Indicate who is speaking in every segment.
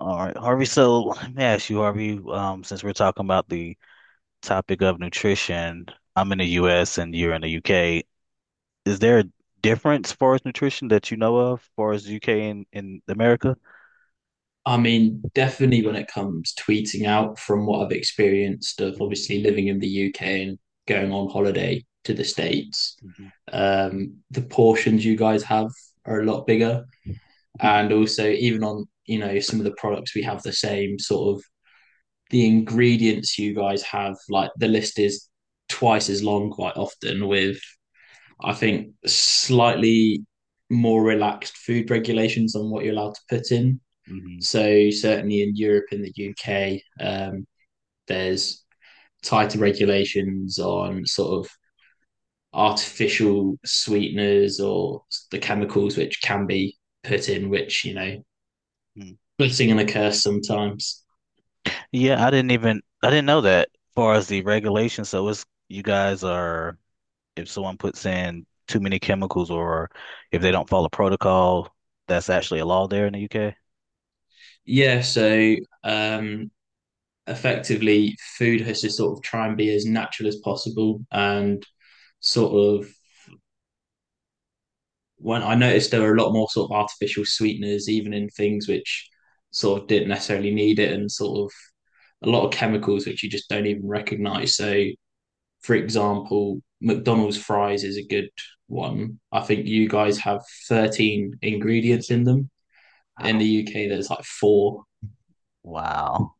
Speaker 1: All right, Harvey. So let me ask you, Harvey, since we're talking about the topic of nutrition, I'm in the US and you're in the UK. Is there a difference as far as nutrition that you know of, as far as UK and in America?
Speaker 2: I mean, definitely when it comes tweeting out from what I've experienced of
Speaker 1: Mhm,
Speaker 2: obviously living in the UK and going on holiday to the States,
Speaker 1: mhm,
Speaker 2: the portions you guys have are a lot bigger. And also, even on, you know, some of the products, we have the same sort of the ingredients you guys have, like the list is twice as long quite often with, I think, slightly more relaxed food regulations on what you're allowed to put in.
Speaker 1: mhm.
Speaker 2: So certainly in Europe and the UK, there's tighter regulations on sort of artificial sweeteners or the chemicals which can be put in, which, you know,
Speaker 1: Mm.
Speaker 2: blessing and a curse sometimes.
Speaker 1: Yeah, I didn't know that as far as the regulation. So it's you guys are if someone puts in too many chemicals or if they don't follow protocol, that's actually a law there in the UK.
Speaker 2: Yeah, so um, effectively, food has to sort of try and be as natural as possible, and sort of when I noticed there were a lot more sort of artificial sweeteners, even in things which sort of didn't necessarily need it, and sort of a lot of chemicals which you just don't even recognize. So, for example, McDonald's fries is a good one. I think you guys have 13 ingredients in them. In the
Speaker 1: Wow.
Speaker 2: UK, there's like four.
Speaker 1: Wow.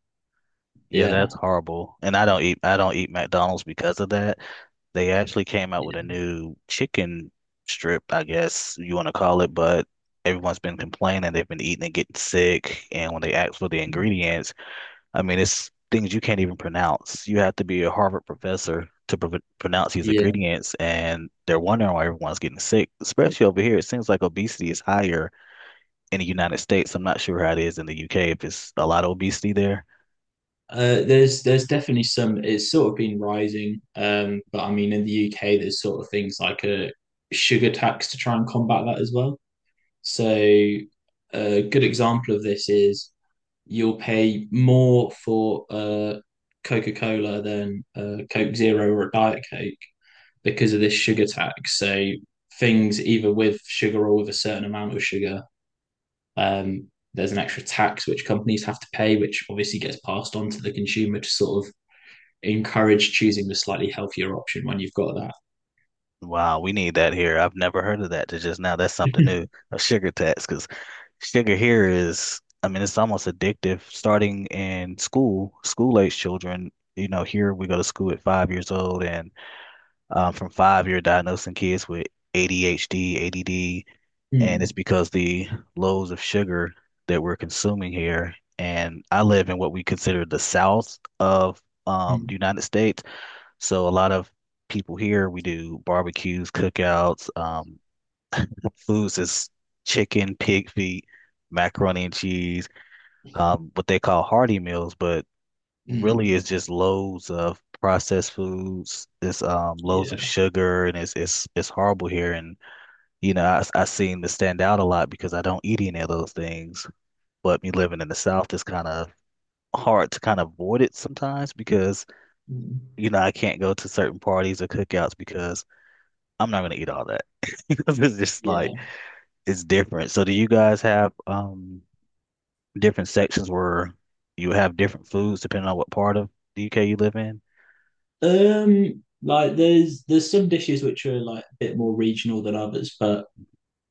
Speaker 1: Yeah, that's
Speaker 2: Yeah.
Speaker 1: horrible. And I don't eat McDonald's because of that. They actually came out
Speaker 2: Yeah.
Speaker 1: with a new chicken strip, I guess you want to call it, but everyone's been complaining they've been eating and getting sick. And when they ask for the ingredients, I mean, it's things you can't even pronounce. You have to be a Harvard professor to pr pronounce these
Speaker 2: Yeah.
Speaker 1: ingredients, and they're wondering why everyone's getting sick, especially over here. It seems like obesity is higher in the United States. I'm not sure how it is in the UK, if it's a lot of obesity there.
Speaker 2: There's definitely some, it's sort of been rising. But I mean, in the UK there's sort of things like a sugar tax to try and combat that as well. So a good example of this is you'll pay more for a Coca-Cola than a Coke Zero or a Diet Coke because of this sugar tax. So things either with sugar or with a certain amount of sugar, um, there's an extra tax which companies have to pay, which obviously gets passed on to the consumer to sort of encourage choosing the slightly healthier option when you've got that.
Speaker 1: Wow, we need that here. I've never heard of that to just now. That's something new, a sugar tax, because sugar here is, I mean, it's almost addictive. Starting in school, school age children, you know, here we go to school at 5 years old, and from 5 year diagnosing kids with ADHD, ADD, and it's
Speaker 2: Mm,
Speaker 1: because the loads of sugar that we're consuming here. And I live in what we consider the South of the
Speaker 2: mm,
Speaker 1: United States, so a lot of people here we do barbecues, cookouts, foods is chicken, pig feet, macaroni and cheese, what they call hearty meals, but
Speaker 2: mm.
Speaker 1: really is just loads of processed foods. It's loads of
Speaker 2: Yeah.
Speaker 1: sugar and it's horrible here. And you know, I seem to stand out a lot because I don't eat any of those things. But me living in the South is kind of hard to kind of avoid it sometimes because
Speaker 2: Mm.
Speaker 1: you know I can't go to certain parties or cookouts because I'm not gonna eat all that. Because it's just
Speaker 2: Yeah.
Speaker 1: like it's different. So do you guys have different sections where you have different foods depending on what part of the UK you live in?
Speaker 2: Like there's some dishes which are like a bit more regional than others, but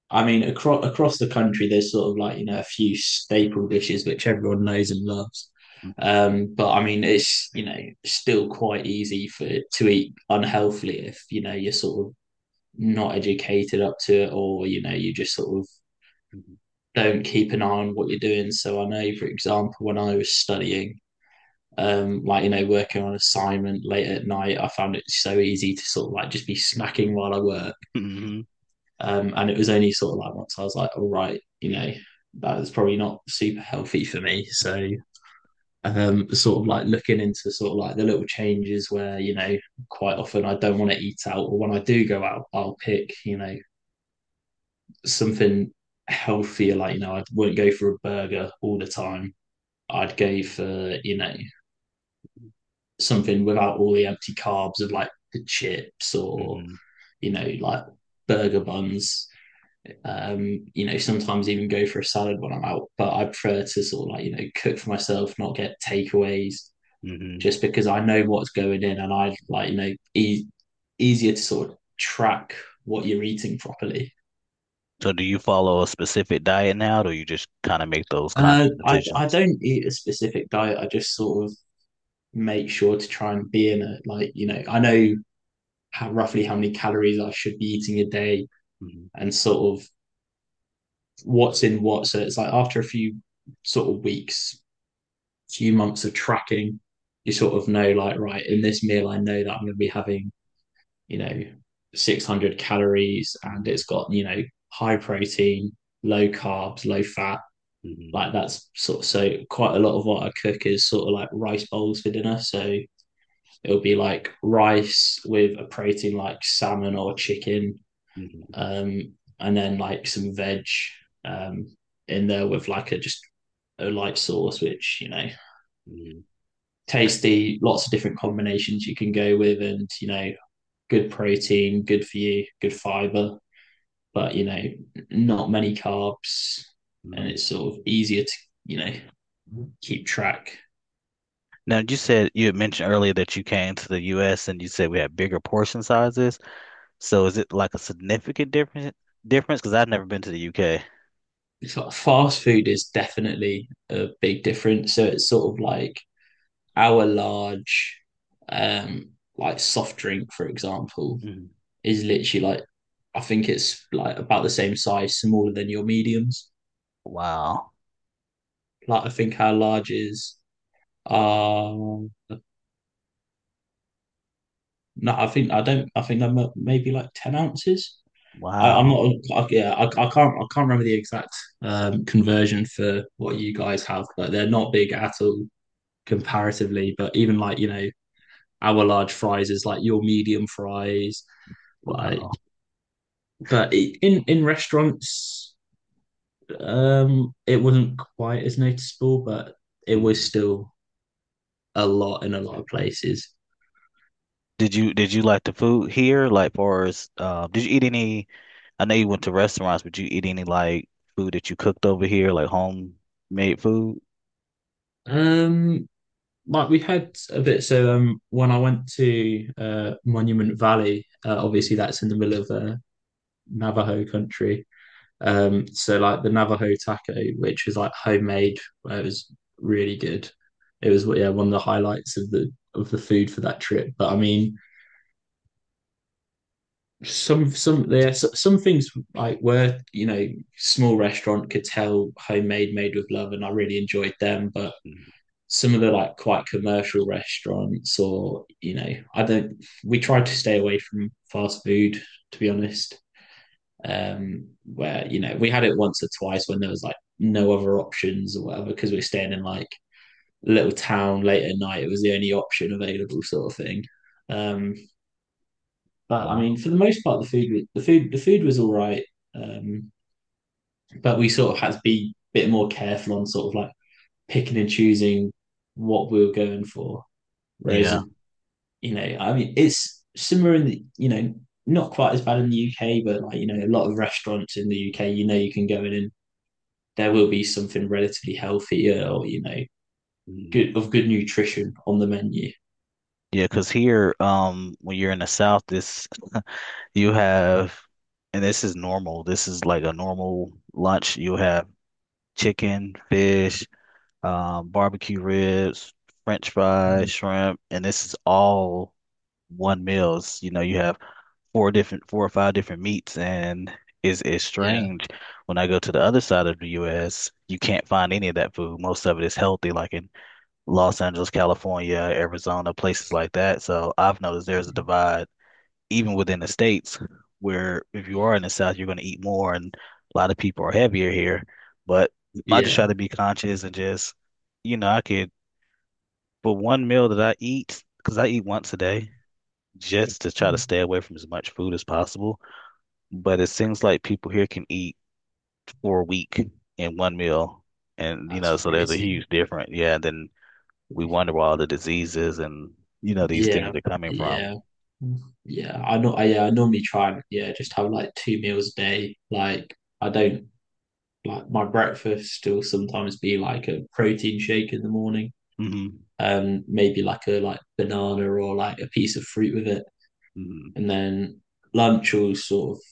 Speaker 2: I mean, across the country there's sort of like, you know, a few staple dishes which everyone knows and loves. But I mean, it's, you know, still quite easy for to eat unhealthily if, you know, you're sort of not educated up to it, or, you know, you just sort of
Speaker 1: Mhm.
Speaker 2: don't keep an eye on what you're doing. So I know, for example, when I was studying, like, you know, working on assignment late at night, I found it so easy to sort of like just be snacking while I work.
Speaker 1: Hmm.
Speaker 2: And it was only sort of like once I was like, all right, you know, that was probably not super healthy for me. So sort of like looking into sort of like the little changes where, you know, quite often I don't want to eat out, or when I do go out I'll pick, you know, something healthier. Like, you know, I wouldn't go for a burger all the time. I'd go for, you know, something without all the empty carbs of like the chips or,
Speaker 1: Hmm.
Speaker 2: you know, like burger buns. You know, sometimes even go for a salad when I'm out, but I prefer to sort of like, you know, cook for myself, not get takeaways,
Speaker 1: Hmm.
Speaker 2: just because I know what's going in, and I like, you know, easier to sort of track what you're eating properly.
Speaker 1: So do you follow a specific diet now, or you just kind of make those
Speaker 2: Uh,
Speaker 1: conscious
Speaker 2: I I
Speaker 1: decisions?
Speaker 2: don't eat a specific diet. I just sort of make sure to try and be in it. Like, you know, I know how, roughly how many calories I should be eating a day,
Speaker 1: Hmm.
Speaker 2: and sort of what's in what. So it's like after a few sort of weeks, few months of tracking, you sort of know like, right, in this meal, I know that I'm going to be having, you know, 600 calories, and
Speaker 1: Hmm.
Speaker 2: it's got, you know, high protein, low carbs, low fat.
Speaker 1: Hmm.
Speaker 2: Like, that's sort of, so quite a lot of what I cook is sort of like rice bowls for dinner. So it'll be like rice with a protein like salmon or chicken,
Speaker 1: Hmm.
Speaker 2: um, and then like some veg, um, in there with like a just a light sauce, which, you know,
Speaker 1: Hmm.
Speaker 2: tasty. Lots of different combinations you can go with, and, you know, good protein, good for you, good fiber, but, you know, not many carbs, and
Speaker 1: Hmm.
Speaker 2: it's sort of easier to, you know, keep track.
Speaker 1: Now you said you had mentioned earlier that you came to the US and you said we had bigger portion sizes. So is it like a significant difference? Because I've never been to the UK.
Speaker 2: It's like fast food is definitely a big difference. So it's sort of like our large, um like soft drink for example,
Speaker 1: Mhm.
Speaker 2: is literally like, I think it's like about the same size, smaller than your mediums.
Speaker 1: Wow.
Speaker 2: Like, I think our large is uh no, I think I don't I think they're maybe like 10 ounces. I, I'm not
Speaker 1: Wow.
Speaker 2: I, yeah, I can't remember the exact conversion for what you guys have, but they're not big at all comparatively. But even like, you know, our large fries is like your medium fries, like,
Speaker 1: Wow.
Speaker 2: but in restaurants, it wasn't quite as noticeable, but it was
Speaker 1: Mhm.
Speaker 2: still a lot in a lot of places.
Speaker 1: Did you like the food here? Like for us, did you eat any I know you went to restaurants, but you eat any like food that you cooked over here, like homemade food?
Speaker 2: Um, like, we had a bit. So when I went to Monument Valley,
Speaker 1: Mm,
Speaker 2: obviously that's in the middle of Navajo country.
Speaker 1: mm,
Speaker 2: So like the Navajo taco, which was like homemade, it was really good. It was, yeah, one of the highlights of the food for that trip. But I mean, some things like were, you know, small restaurant, could tell homemade, made with love, and I really enjoyed them. But
Speaker 1: mm.
Speaker 2: some of the like quite commercial restaurants, or, you know, I don't, we tried to stay away from fast food, to be honest. Where, you know, we had it once or twice when there was like no other options or whatever, because we're staying in like a little town late at night, it was the only option available, sort of thing. um but I
Speaker 1: Wow.
Speaker 2: mean, for the most part, the food was all right. Um, but we sort of had to be a bit more careful on sort of like picking and choosing what we were going for. Whereas,
Speaker 1: Yeah.
Speaker 2: you know, I mean, it's similar in the, you know, not quite as bad in the UK, but like, you know, a lot of restaurants in the UK, you know, you can go in and there will be something relatively healthier, or, you know,
Speaker 1: Mm.
Speaker 2: good of good nutrition on the menu.
Speaker 1: Yeah, because here, when you're in the South, this you have, and this is normal. This is like a normal lunch. You have chicken, fish, barbecue ribs, French fries, shrimp, and this is all one meals. You know, you have four or five different meats and it's
Speaker 2: Yeah.
Speaker 1: strange. When I go to the other side of the US, you can't find any of that food. Most of it is healthy, like in Los Angeles, California, Arizona, places like that. So I've noticed there's a divide even within the states where if you are in the South, you're going to eat more and a lot of people are heavier here. But I just try
Speaker 2: Yeah.
Speaker 1: to be conscious and just, you know, I could for one meal that I eat, because I eat once a day, just to try to stay away from as much food as possible but it seems like people here can eat for a week in one meal. And, you know,
Speaker 2: That's
Speaker 1: so there's a
Speaker 2: crazy.
Speaker 1: huge difference. Yeah, then we wonder where all the diseases and, you know, these
Speaker 2: Yeah,
Speaker 1: things are coming from.
Speaker 2: yeah, yeah. I know. I normally try and, yeah, just have like 2 meals a day. Like, I don't, like my breakfast will sometimes be like a protein shake in the morning,
Speaker 1: Hmm.
Speaker 2: maybe like a like banana or like a piece of fruit with it,
Speaker 1: Hmm.
Speaker 2: and then lunch will sort of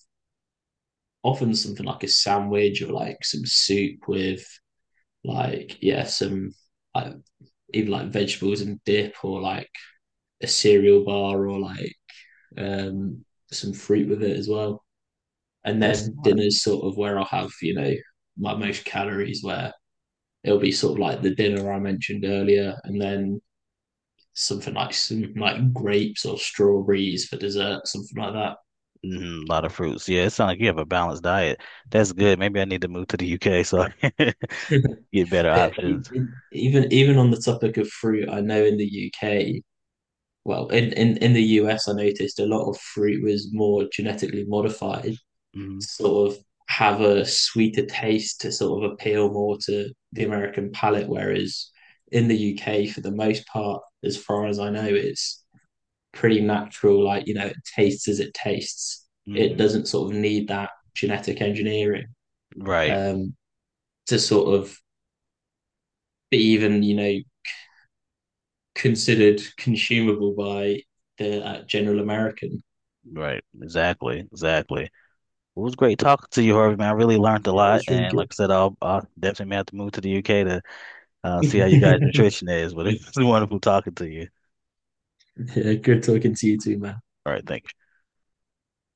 Speaker 2: often something like a sandwich or like some soup with like, yeah, some like either like vegetables and dip, or like a cereal bar, or like, um, some fruit with it as well. And
Speaker 1: That's
Speaker 2: then
Speaker 1: smart.
Speaker 2: dinner's sort of where I'll have, you know, my most calories, where it'll be sort of like the dinner I mentioned earlier, and then something like some like grapes or strawberries for dessert, something like
Speaker 1: Hmm. A lot of fruits. Yeah, it sounds like you have a balanced diet. That's good. Maybe I need to move to the UK so I can
Speaker 2: that.
Speaker 1: get better options.
Speaker 2: Even on the topic of fruit, I know in the UK, well, in the US, I noticed a lot of fruit was more genetically modified,
Speaker 1: Hmm.
Speaker 2: sort of have a sweeter taste to sort of appeal more to the American palate. Whereas in the UK, for the most part, as far as I know, it's pretty natural. Like, you know, it tastes as it tastes. It
Speaker 1: Hmm.
Speaker 2: doesn't sort of need that genetic engineering,
Speaker 1: Right.
Speaker 2: um, to sort of be even, you know, considered consumable by the general American.
Speaker 1: Right. Exactly. Exactly. Well, it was great talking to you, Harvey, man. I really learned a
Speaker 2: Yeah, it
Speaker 1: lot.
Speaker 2: was really
Speaker 1: And like
Speaker 2: good.
Speaker 1: I said, I'll definitely may have to move to the UK to see how you guys' nutrition is, but it's wonderful talking to you.
Speaker 2: Yeah, good talking to you too, man.
Speaker 1: All right, thanks.